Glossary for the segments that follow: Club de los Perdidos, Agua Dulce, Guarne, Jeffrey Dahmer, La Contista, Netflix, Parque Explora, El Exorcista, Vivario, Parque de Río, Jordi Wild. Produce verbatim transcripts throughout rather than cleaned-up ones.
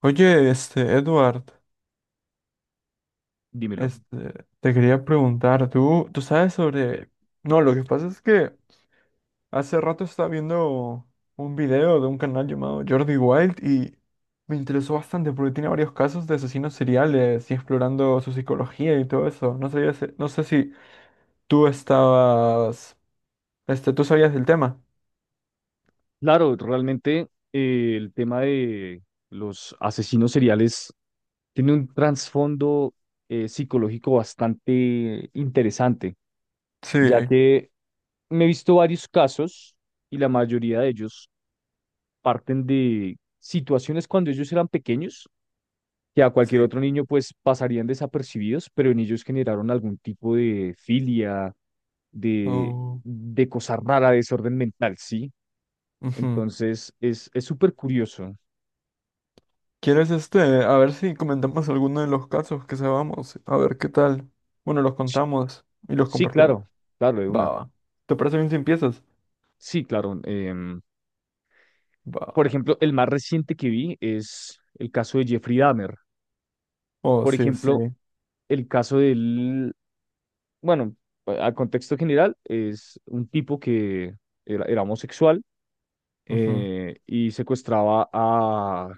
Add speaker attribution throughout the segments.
Speaker 1: Oye, este, Edward,
Speaker 2: Dímelo.
Speaker 1: este, te quería preguntar, ¿tú, tú sabes sobre... No, lo que pasa es que hace rato estaba viendo un video de un canal llamado Jordi Wild y me interesó bastante porque tiene varios casos de asesinos seriales y explorando su psicología y todo eso. No sabía, si- no sé si tú estabas, este, tú sabías del tema.
Speaker 2: Claro, realmente eh, el tema de los asesinos seriales tiene un trasfondo eh, psicológico bastante interesante,
Speaker 1: Sí,
Speaker 2: ya que me he visto varios casos y la mayoría de ellos parten de situaciones cuando ellos eran pequeños, que a cualquier
Speaker 1: sí.
Speaker 2: otro niño pues pasarían desapercibidos, pero en ellos generaron algún tipo de filia, de,
Speaker 1: Oh,
Speaker 2: de cosa rara, desorden mental, ¿sí?
Speaker 1: ujú.
Speaker 2: Entonces es es súper curioso.
Speaker 1: ¿Quieres este? A ver si comentamos alguno de los casos que sabamos. A ver qué tal. Bueno, los contamos y los
Speaker 2: Sí,
Speaker 1: compartimos.
Speaker 2: claro, claro, de
Speaker 1: Va,
Speaker 2: una.
Speaker 1: va. ¿Te parece bien si empiezas?
Speaker 2: Sí, claro. Em, por
Speaker 1: Va.
Speaker 2: ejemplo, el más reciente que vi es el caso de Jeffrey Dahmer.
Speaker 1: Oh,
Speaker 2: Por
Speaker 1: sí, sí.
Speaker 2: ejemplo, el caso del, bueno, a contexto general, es un tipo que era, era homosexual,
Speaker 1: Ujú.
Speaker 2: eh, y secuestraba a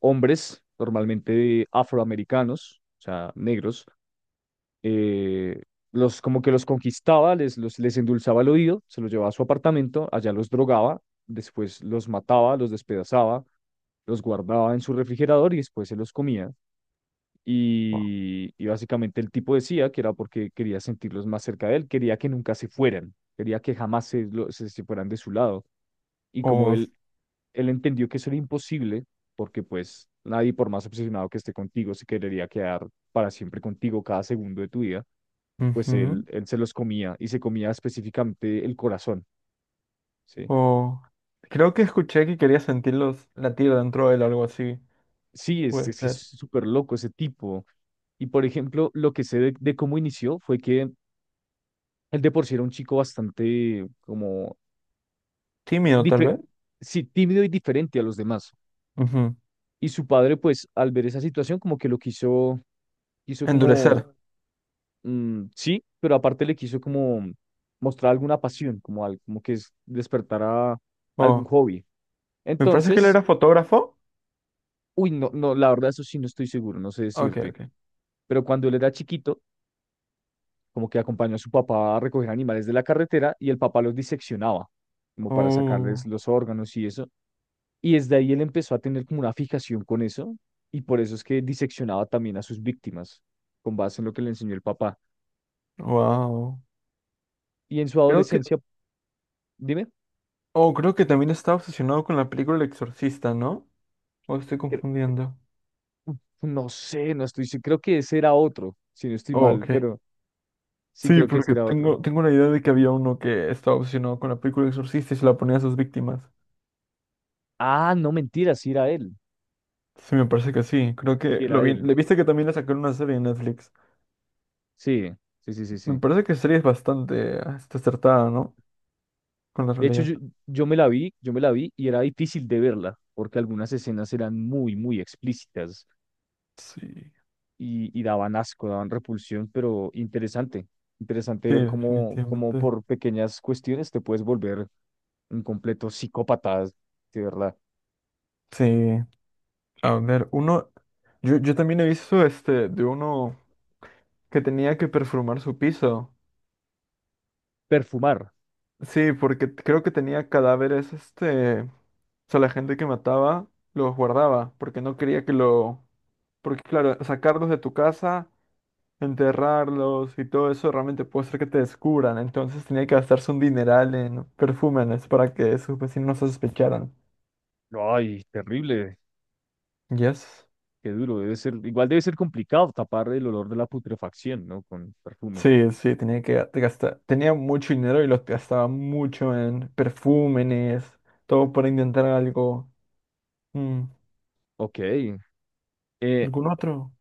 Speaker 2: hombres, normalmente afroamericanos, o sea, negros, eh, los, como que los conquistaba, les, los, les endulzaba el oído, se los llevaba a su apartamento, allá los drogaba, después los mataba, los despedazaba, los guardaba en su refrigerador y después se los comía. Y, y básicamente el tipo decía que era porque quería sentirlos más cerca de él, quería que nunca se fueran, quería que jamás se, lo- se, se fueran de su lado. Y como
Speaker 1: Oh, s-
Speaker 2: él, él entendió que eso era imposible, porque pues nadie, por más obsesionado que esté contigo, se querería quedar para siempre contigo cada segundo de tu vida, pues él,
Speaker 1: ujú.
Speaker 2: él se los comía y se comía específicamente el corazón, ¿sí?
Speaker 1: Oh. Creo que escuché que quería sentirlos latir dentro de él, algo así.
Speaker 2: Sí, es,
Speaker 1: Puede
Speaker 2: es que es
Speaker 1: ser.
Speaker 2: súper loco ese tipo. Y por ejemplo, lo que sé de, de cómo inició fue que él de por sí era un chico bastante como,
Speaker 1: Tímido, tal
Speaker 2: dife-
Speaker 1: vez.
Speaker 2: sí, tímido y diferente a los demás.
Speaker 1: Ujú.
Speaker 2: Y su padre, pues, al ver esa situación, como que lo quiso, quiso como,
Speaker 1: Endurecer.
Speaker 2: mm, sí, pero aparte le quiso como mostrar alguna pasión, como, al- como que es despertar a algún
Speaker 1: Oh.
Speaker 2: hobby.
Speaker 1: Me parece que él
Speaker 2: Entonces,
Speaker 1: era fotógrafo.
Speaker 2: uy, no, no, la verdad, eso sí no estoy seguro, no sé
Speaker 1: Ok,
Speaker 2: decirte.
Speaker 1: ok.
Speaker 2: Pero cuando él era chiquito, como que acompañó a su papá a recoger animales de la carretera y el papá los diseccionaba, como para sacarles
Speaker 1: Oh,
Speaker 2: los órganos y eso. Y desde ahí él empezó a tener como una fijación con eso, y por eso es que diseccionaba también a sus víctimas, con base en lo que le enseñó el papá.
Speaker 1: wow.
Speaker 2: Y en su
Speaker 1: Creo
Speaker 2: adolescencia, dime,
Speaker 1: Oh, creo que también estaba obsesionado con la película El Exorcista, ¿no? ¿O estoy
Speaker 2: cre-
Speaker 1: confundiendo?
Speaker 2: no sé, no estoy, se- creo que ese era otro, si no estoy
Speaker 1: Oh,
Speaker 2: mal,
Speaker 1: ok.
Speaker 2: pero sí
Speaker 1: Sí,
Speaker 2: creo que ese
Speaker 1: porque
Speaker 2: era otro.
Speaker 1: tengo, tengo la idea de que había uno que estaba obsesionado con la película El Exorcista y se la ponía a sus víctimas.
Speaker 2: Ah, no, mentira, sí era él,
Speaker 1: Sí, me parece que sí. Creo que
Speaker 2: sí
Speaker 1: lo
Speaker 2: era
Speaker 1: vi.
Speaker 2: él.
Speaker 1: Le viste que también le sacaron una serie en Netflix.
Speaker 2: Sí, sí, sí, sí,
Speaker 1: Me
Speaker 2: sí.
Speaker 1: parece que la serie es bastante ah, está acertada, ¿no? Con la
Speaker 2: De hecho,
Speaker 1: realidad.
Speaker 2: yo, yo me la vi, yo me la vi y era difícil de verla, porque algunas escenas eran muy, muy explícitas
Speaker 1: Sí.
Speaker 2: y, y daban asco, daban repulsión, pero interesante, interesante
Speaker 1: Sí,
Speaker 2: ver cómo, cómo
Speaker 1: definitivamente.
Speaker 2: por pequeñas cuestiones te puedes volver un completo psicópata, de verdad.
Speaker 1: Sí. A ver, uno. Yo, yo también he visto este de uno que tenía que perfumar su piso.
Speaker 2: Perfumar.
Speaker 1: Sí, porque creo que tenía cadáveres, este, o sea, la gente que mataba los guardaba, porque no quería que lo, porque claro, sacarlos de tu casa, enterrarlos y todo eso realmente puede ser que te descubran, entonces tenía que gastarse un dineral en perfúmenes para que sus vecinos no sospecharan.
Speaker 2: Ay, terrible,
Speaker 1: Yes.
Speaker 2: qué duro. Debe ser, igual debe ser complicado tapar el olor de la putrefacción, ¿no? Con perfume.
Speaker 1: Sí, sí, tenía que ga- gastar, tenía mucho dinero y lo gastaba mucho en perfúmenes, todo para intentar algo. Mm,
Speaker 2: Ok. Eh,
Speaker 1: ¿algún otro?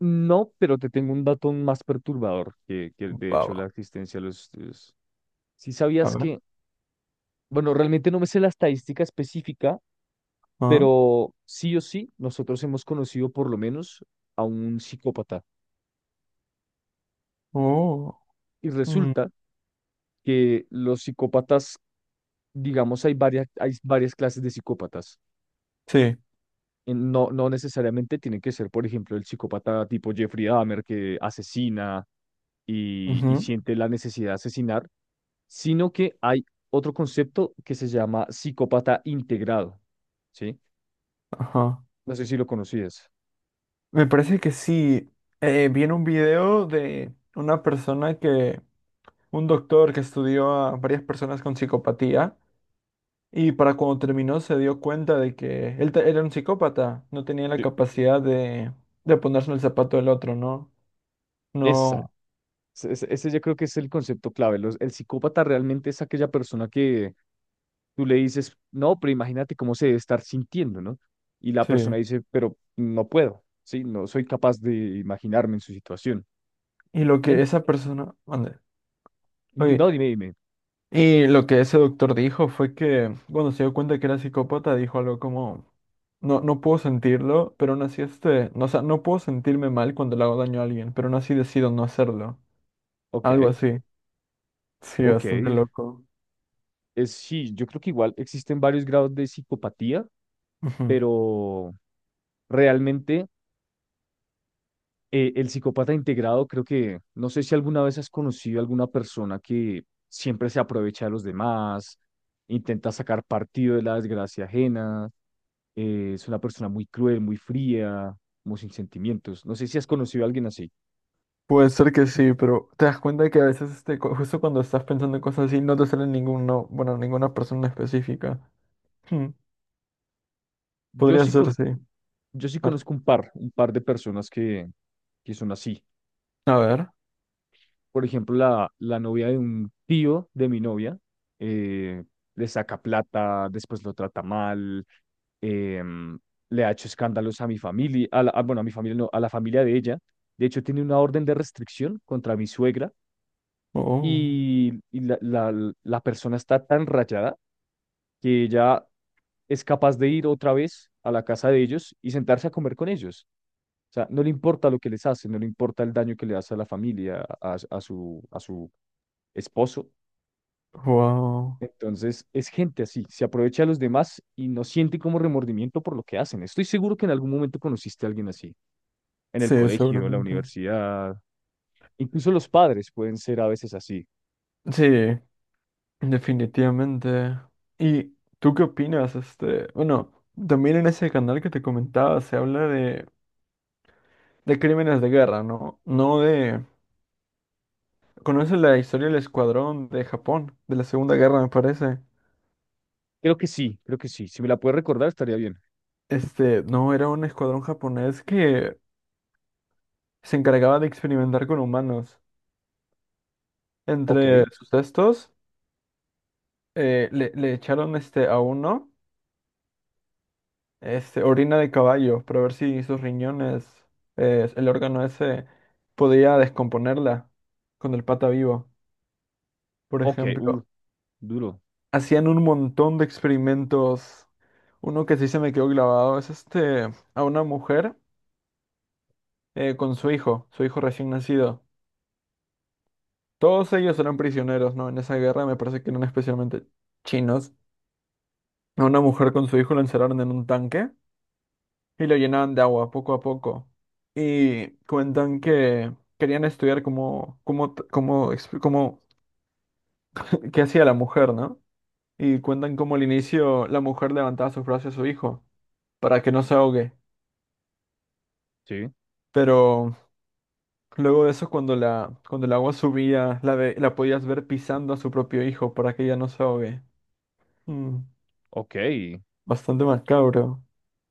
Speaker 2: No, pero te tengo un dato aún más perturbador que, que de hecho la
Speaker 1: Baba.
Speaker 2: existencia de los estudios. Si
Speaker 1: A
Speaker 2: sabías
Speaker 1: ver.
Speaker 2: que, bueno, realmente no me sé la estadística específica, pero sí o sí, nosotros hemos conocido por lo menos a un psicópata.
Speaker 1: Oh,
Speaker 2: Y
Speaker 1: mm,
Speaker 2: resulta que los psicópatas, digamos, hay varias, hay varias clases de psicópatas.
Speaker 1: sí.
Speaker 2: En- No, no necesariamente tienen que ser, por ejemplo, el psicópata tipo Jeffrey Dahmer que asesina y, y
Speaker 1: Ujú,
Speaker 2: siente la necesidad de asesinar, sino que hay otro concepto que se llama psicópata integrado, ¿sí?
Speaker 1: ajá.
Speaker 2: No sé si lo conocías.
Speaker 1: Me parece que sí. Eh, vi en un video de una persona que, un doctor que estudió a varias personas con psicopatía y para cuando terminó se dio cuenta de que él te- era un psicópata, no tenía la
Speaker 2: Sí.
Speaker 1: capacidad de, de ponerse en el zapato del otro, ¿no?
Speaker 2: Esa,
Speaker 1: No,
Speaker 2: ese, ese- Ese yo creo que es el concepto clave. Los- el psicópata realmente es aquella persona que tú le dices, no, pero imagínate cómo se debe estar sintiendo, ¿no? Y la
Speaker 1: sí.
Speaker 2: persona dice, pero no puedo, ¿sí? No soy capaz de imaginarme en su situación.
Speaker 1: Y lo que
Speaker 2: En-
Speaker 1: esa persona, mande.
Speaker 2: di-
Speaker 1: Oye,
Speaker 2: no, dime, dime.
Speaker 1: y lo que ese doctor dijo fue que, bueno, se dio cuenta que era psicópata, dijo algo como, no, no puedo sentirlo, pero aún así este, no, o sea, no puedo sentirme mal cuando le hago daño a alguien, pero aún así decido no hacerlo.
Speaker 2: Ok,
Speaker 1: Algo así. Sí,
Speaker 2: ok.
Speaker 1: bastante loco.
Speaker 2: Es, sí, yo creo que igual existen varios grados de psicopatía,
Speaker 1: Ujú.
Speaker 2: pero realmente eh, el psicópata integrado, creo que, no sé si alguna vez has conocido a alguna persona que siempre se aprovecha de los demás, intenta sacar partido de la desgracia ajena, eh, es una persona muy cruel, muy fría, muy sin sentimientos. No sé si has conocido a alguien así.
Speaker 1: Puede ser que sí, pero te das cuenta que a veces este, cu- justo cuando estás pensando en cosas así, no te sale ninguno, bueno, ninguna persona específica. Hmm,
Speaker 2: Yo
Speaker 1: podría
Speaker 2: sí,
Speaker 1: ser,
Speaker 2: con-
Speaker 1: sí.
Speaker 2: yo sí
Speaker 1: A ver.
Speaker 2: conozco un par, un par de personas que, que son así.
Speaker 1: A ver.
Speaker 2: Por ejemplo, la, la novia de un tío de mi novia, eh, le saca plata, después lo trata mal, em, le ha hecho escándalos a mi familia, a la- a- bueno, a mi familia no, a la familia de ella. De hecho, tiene una orden de restricción contra mi suegra
Speaker 1: Oh,
Speaker 2: y, y la, la, la persona está tan rayada que ella es capaz de ir otra vez a la casa de ellos y sentarse a comer con ellos. O sea, no le importa lo que les hace, no le importa el daño que le hace a la familia, a, a su, a su esposo.
Speaker 1: wow.
Speaker 2: Entonces, es gente así, se aprovecha de los demás y no siente como remordimiento por lo que hacen. Estoy seguro que en algún momento conociste a alguien así. En el
Speaker 1: Sí,
Speaker 2: colegio, la
Speaker 1: seguramente.
Speaker 2: universidad, incluso los padres pueden ser a veces así.
Speaker 1: Sí. Definitivamente. ¿Y tú qué opinas? Este, bueno, también en ese canal que te comentaba se habla de, de crímenes de guerra, ¿no? No de... ¿Conoces la historia del escuadrón de Japón, de la Segunda Guerra, me parece?
Speaker 2: Creo que sí, creo que sí. Si me la puedes recordar, estaría bien.
Speaker 1: Este, no, era un escuadrón japonés que se encargaba de experimentar con humanos.
Speaker 2: Ok,
Speaker 1: Entre sus textos, le, le echaron este, a uno. Este, orina de caballo, para ver si sus riñones, eh, el órgano ese, podía descomponerla con el pata vivo. Por
Speaker 2: ok,
Speaker 1: ejemplo,
Speaker 2: uh, duro,
Speaker 1: hacían un montón de experimentos. Uno que sí se me quedó grabado es este, a una mujer eh, con su hijo, su hijo recién nacido. Todos ellos eran prisioneros, ¿no? En esa guerra me parece que eran especialmente chinos. A una mujer con su hijo lo encerraron en un tanque y lo llenaban de agua poco a poco. Y cuentan que querían estudiar cómo, cómo, t- cómo, exp- cómo- qué hacía la mujer, ¿no? Y cuentan cómo al inicio la mujer levantaba sus brazos a su hijo para que no se ahogue.
Speaker 2: sí,
Speaker 1: Pero luego de eso, cuando la, cuando el agua subía, la, ve- la podías ver pisando a su propio hijo para que ella no se ahogue. Mm,
Speaker 2: ok.
Speaker 1: bastante macabro.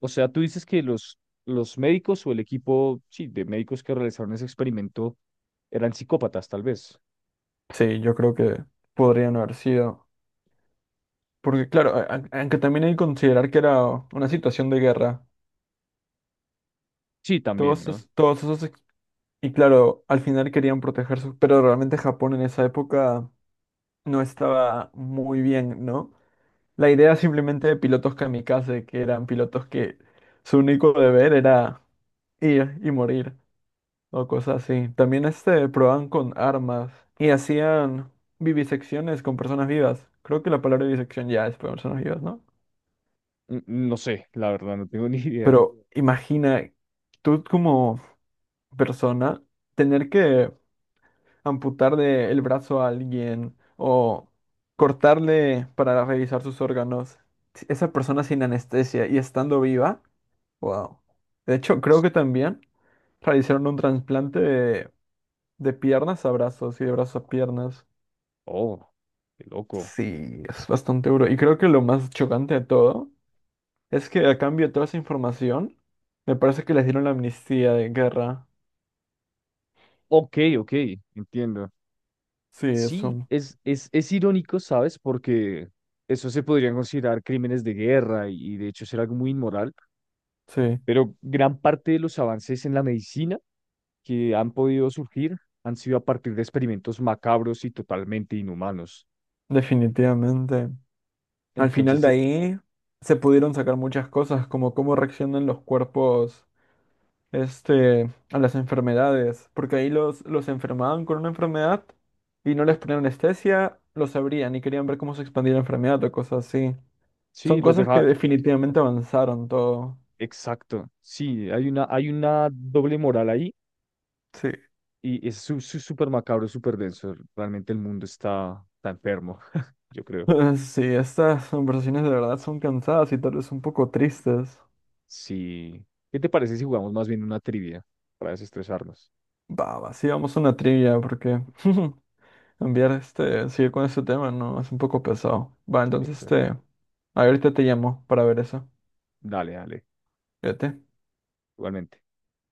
Speaker 2: O sea, tú dices que los, los médicos o el equipo, sí, de médicos que realizaron ese experimento eran psicópatas, tal vez.
Speaker 1: Sí, yo creo que podrían haber sido. Porque claro, a- a- aunque también hay que considerar que era una situación de guerra.
Speaker 2: Sí, también,
Speaker 1: Todos,
Speaker 2: ¿no?
Speaker 1: es- todos esos... ex- Y claro, al final querían protegerse, pero realmente Japón en esa época no estaba muy bien, ¿no? La idea simplemente de pilotos kamikaze, que eran pilotos que su único deber era ir y morir, o cosas así. También este, probaban con armas y hacían vivisecciones con personas vivas. Creo que la palabra vivisección ya es para personas vivas, ¿no?
Speaker 2: N- No sé, la verdad, no tengo ni idea.
Speaker 1: Pero imagina, tú como persona, tener que amputarle el brazo a alguien o cortarle para revisar sus órganos, si esa persona sin anestesia y estando viva, wow. De hecho, creo que también realizaron un trasplante de, de piernas a brazos y de brazos a piernas.
Speaker 2: Oh, qué loco.
Speaker 1: Sí, es bastante duro. Y creo que lo más chocante de todo es que a cambio de toda esa información, me parece que les dieron la amnistía de guerra.
Speaker 2: Ok, ok, entiendo.
Speaker 1: Sí,
Speaker 2: Sí,
Speaker 1: eso.
Speaker 2: es, es, es irónico, ¿sabes? Porque eso se podrían considerar crímenes de guerra y, y de hecho ser algo muy inmoral,
Speaker 1: Sí,
Speaker 2: pero gran parte de los avances en la medicina que han podido surgir han sido a partir de experimentos macabros y totalmente inhumanos.
Speaker 1: definitivamente. Al final
Speaker 2: Entonces,
Speaker 1: de
Speaker 2: eh,
Speaker 1: ahí se pudieron sacar muchas cosas, como cómo reaccionan los cuerpos, este, a las enfermedades, porque ahí los, los enfermaban con una enfermedad y no les ponían anestesia, los abrían y querían ver cómo se expandía la enfermedad o cosas así.
Speaker 2: sí,
Speaker 1: Son
Speaker 2: los
Speaker 1: cosas que
Speaker 2: deja,
Speaker 1: definitivamente avanzaron todo.
Speaker 2: exacto, sí, hay una, hay una doble moral ahí
Speaker 1: Sí.
Speaker 2: y es su- su- súper macabro, súper denso. Realmente el mundo está, está enfermo, yo creo.
Speaker 1: Sí, estas conversaciones de verdad son cansadas y tal vez un poco tristes.
Speaker 2: Sí. ¿Qué te parece si jugamos más bien una trivia para desestresarnos?
Speaker 1: Va, va, sí, vamos a una trivia, porque cambiar este, seguir con este tema, no, es un poco pesado. Va, entonces
Speaker 2: Exacto.
Speaker 1: este, ahorita te llamo para ver eso.
Speaker 2: Dale, dale.
Speaker 1: Fíjate.
Speaker 2: Igualmente.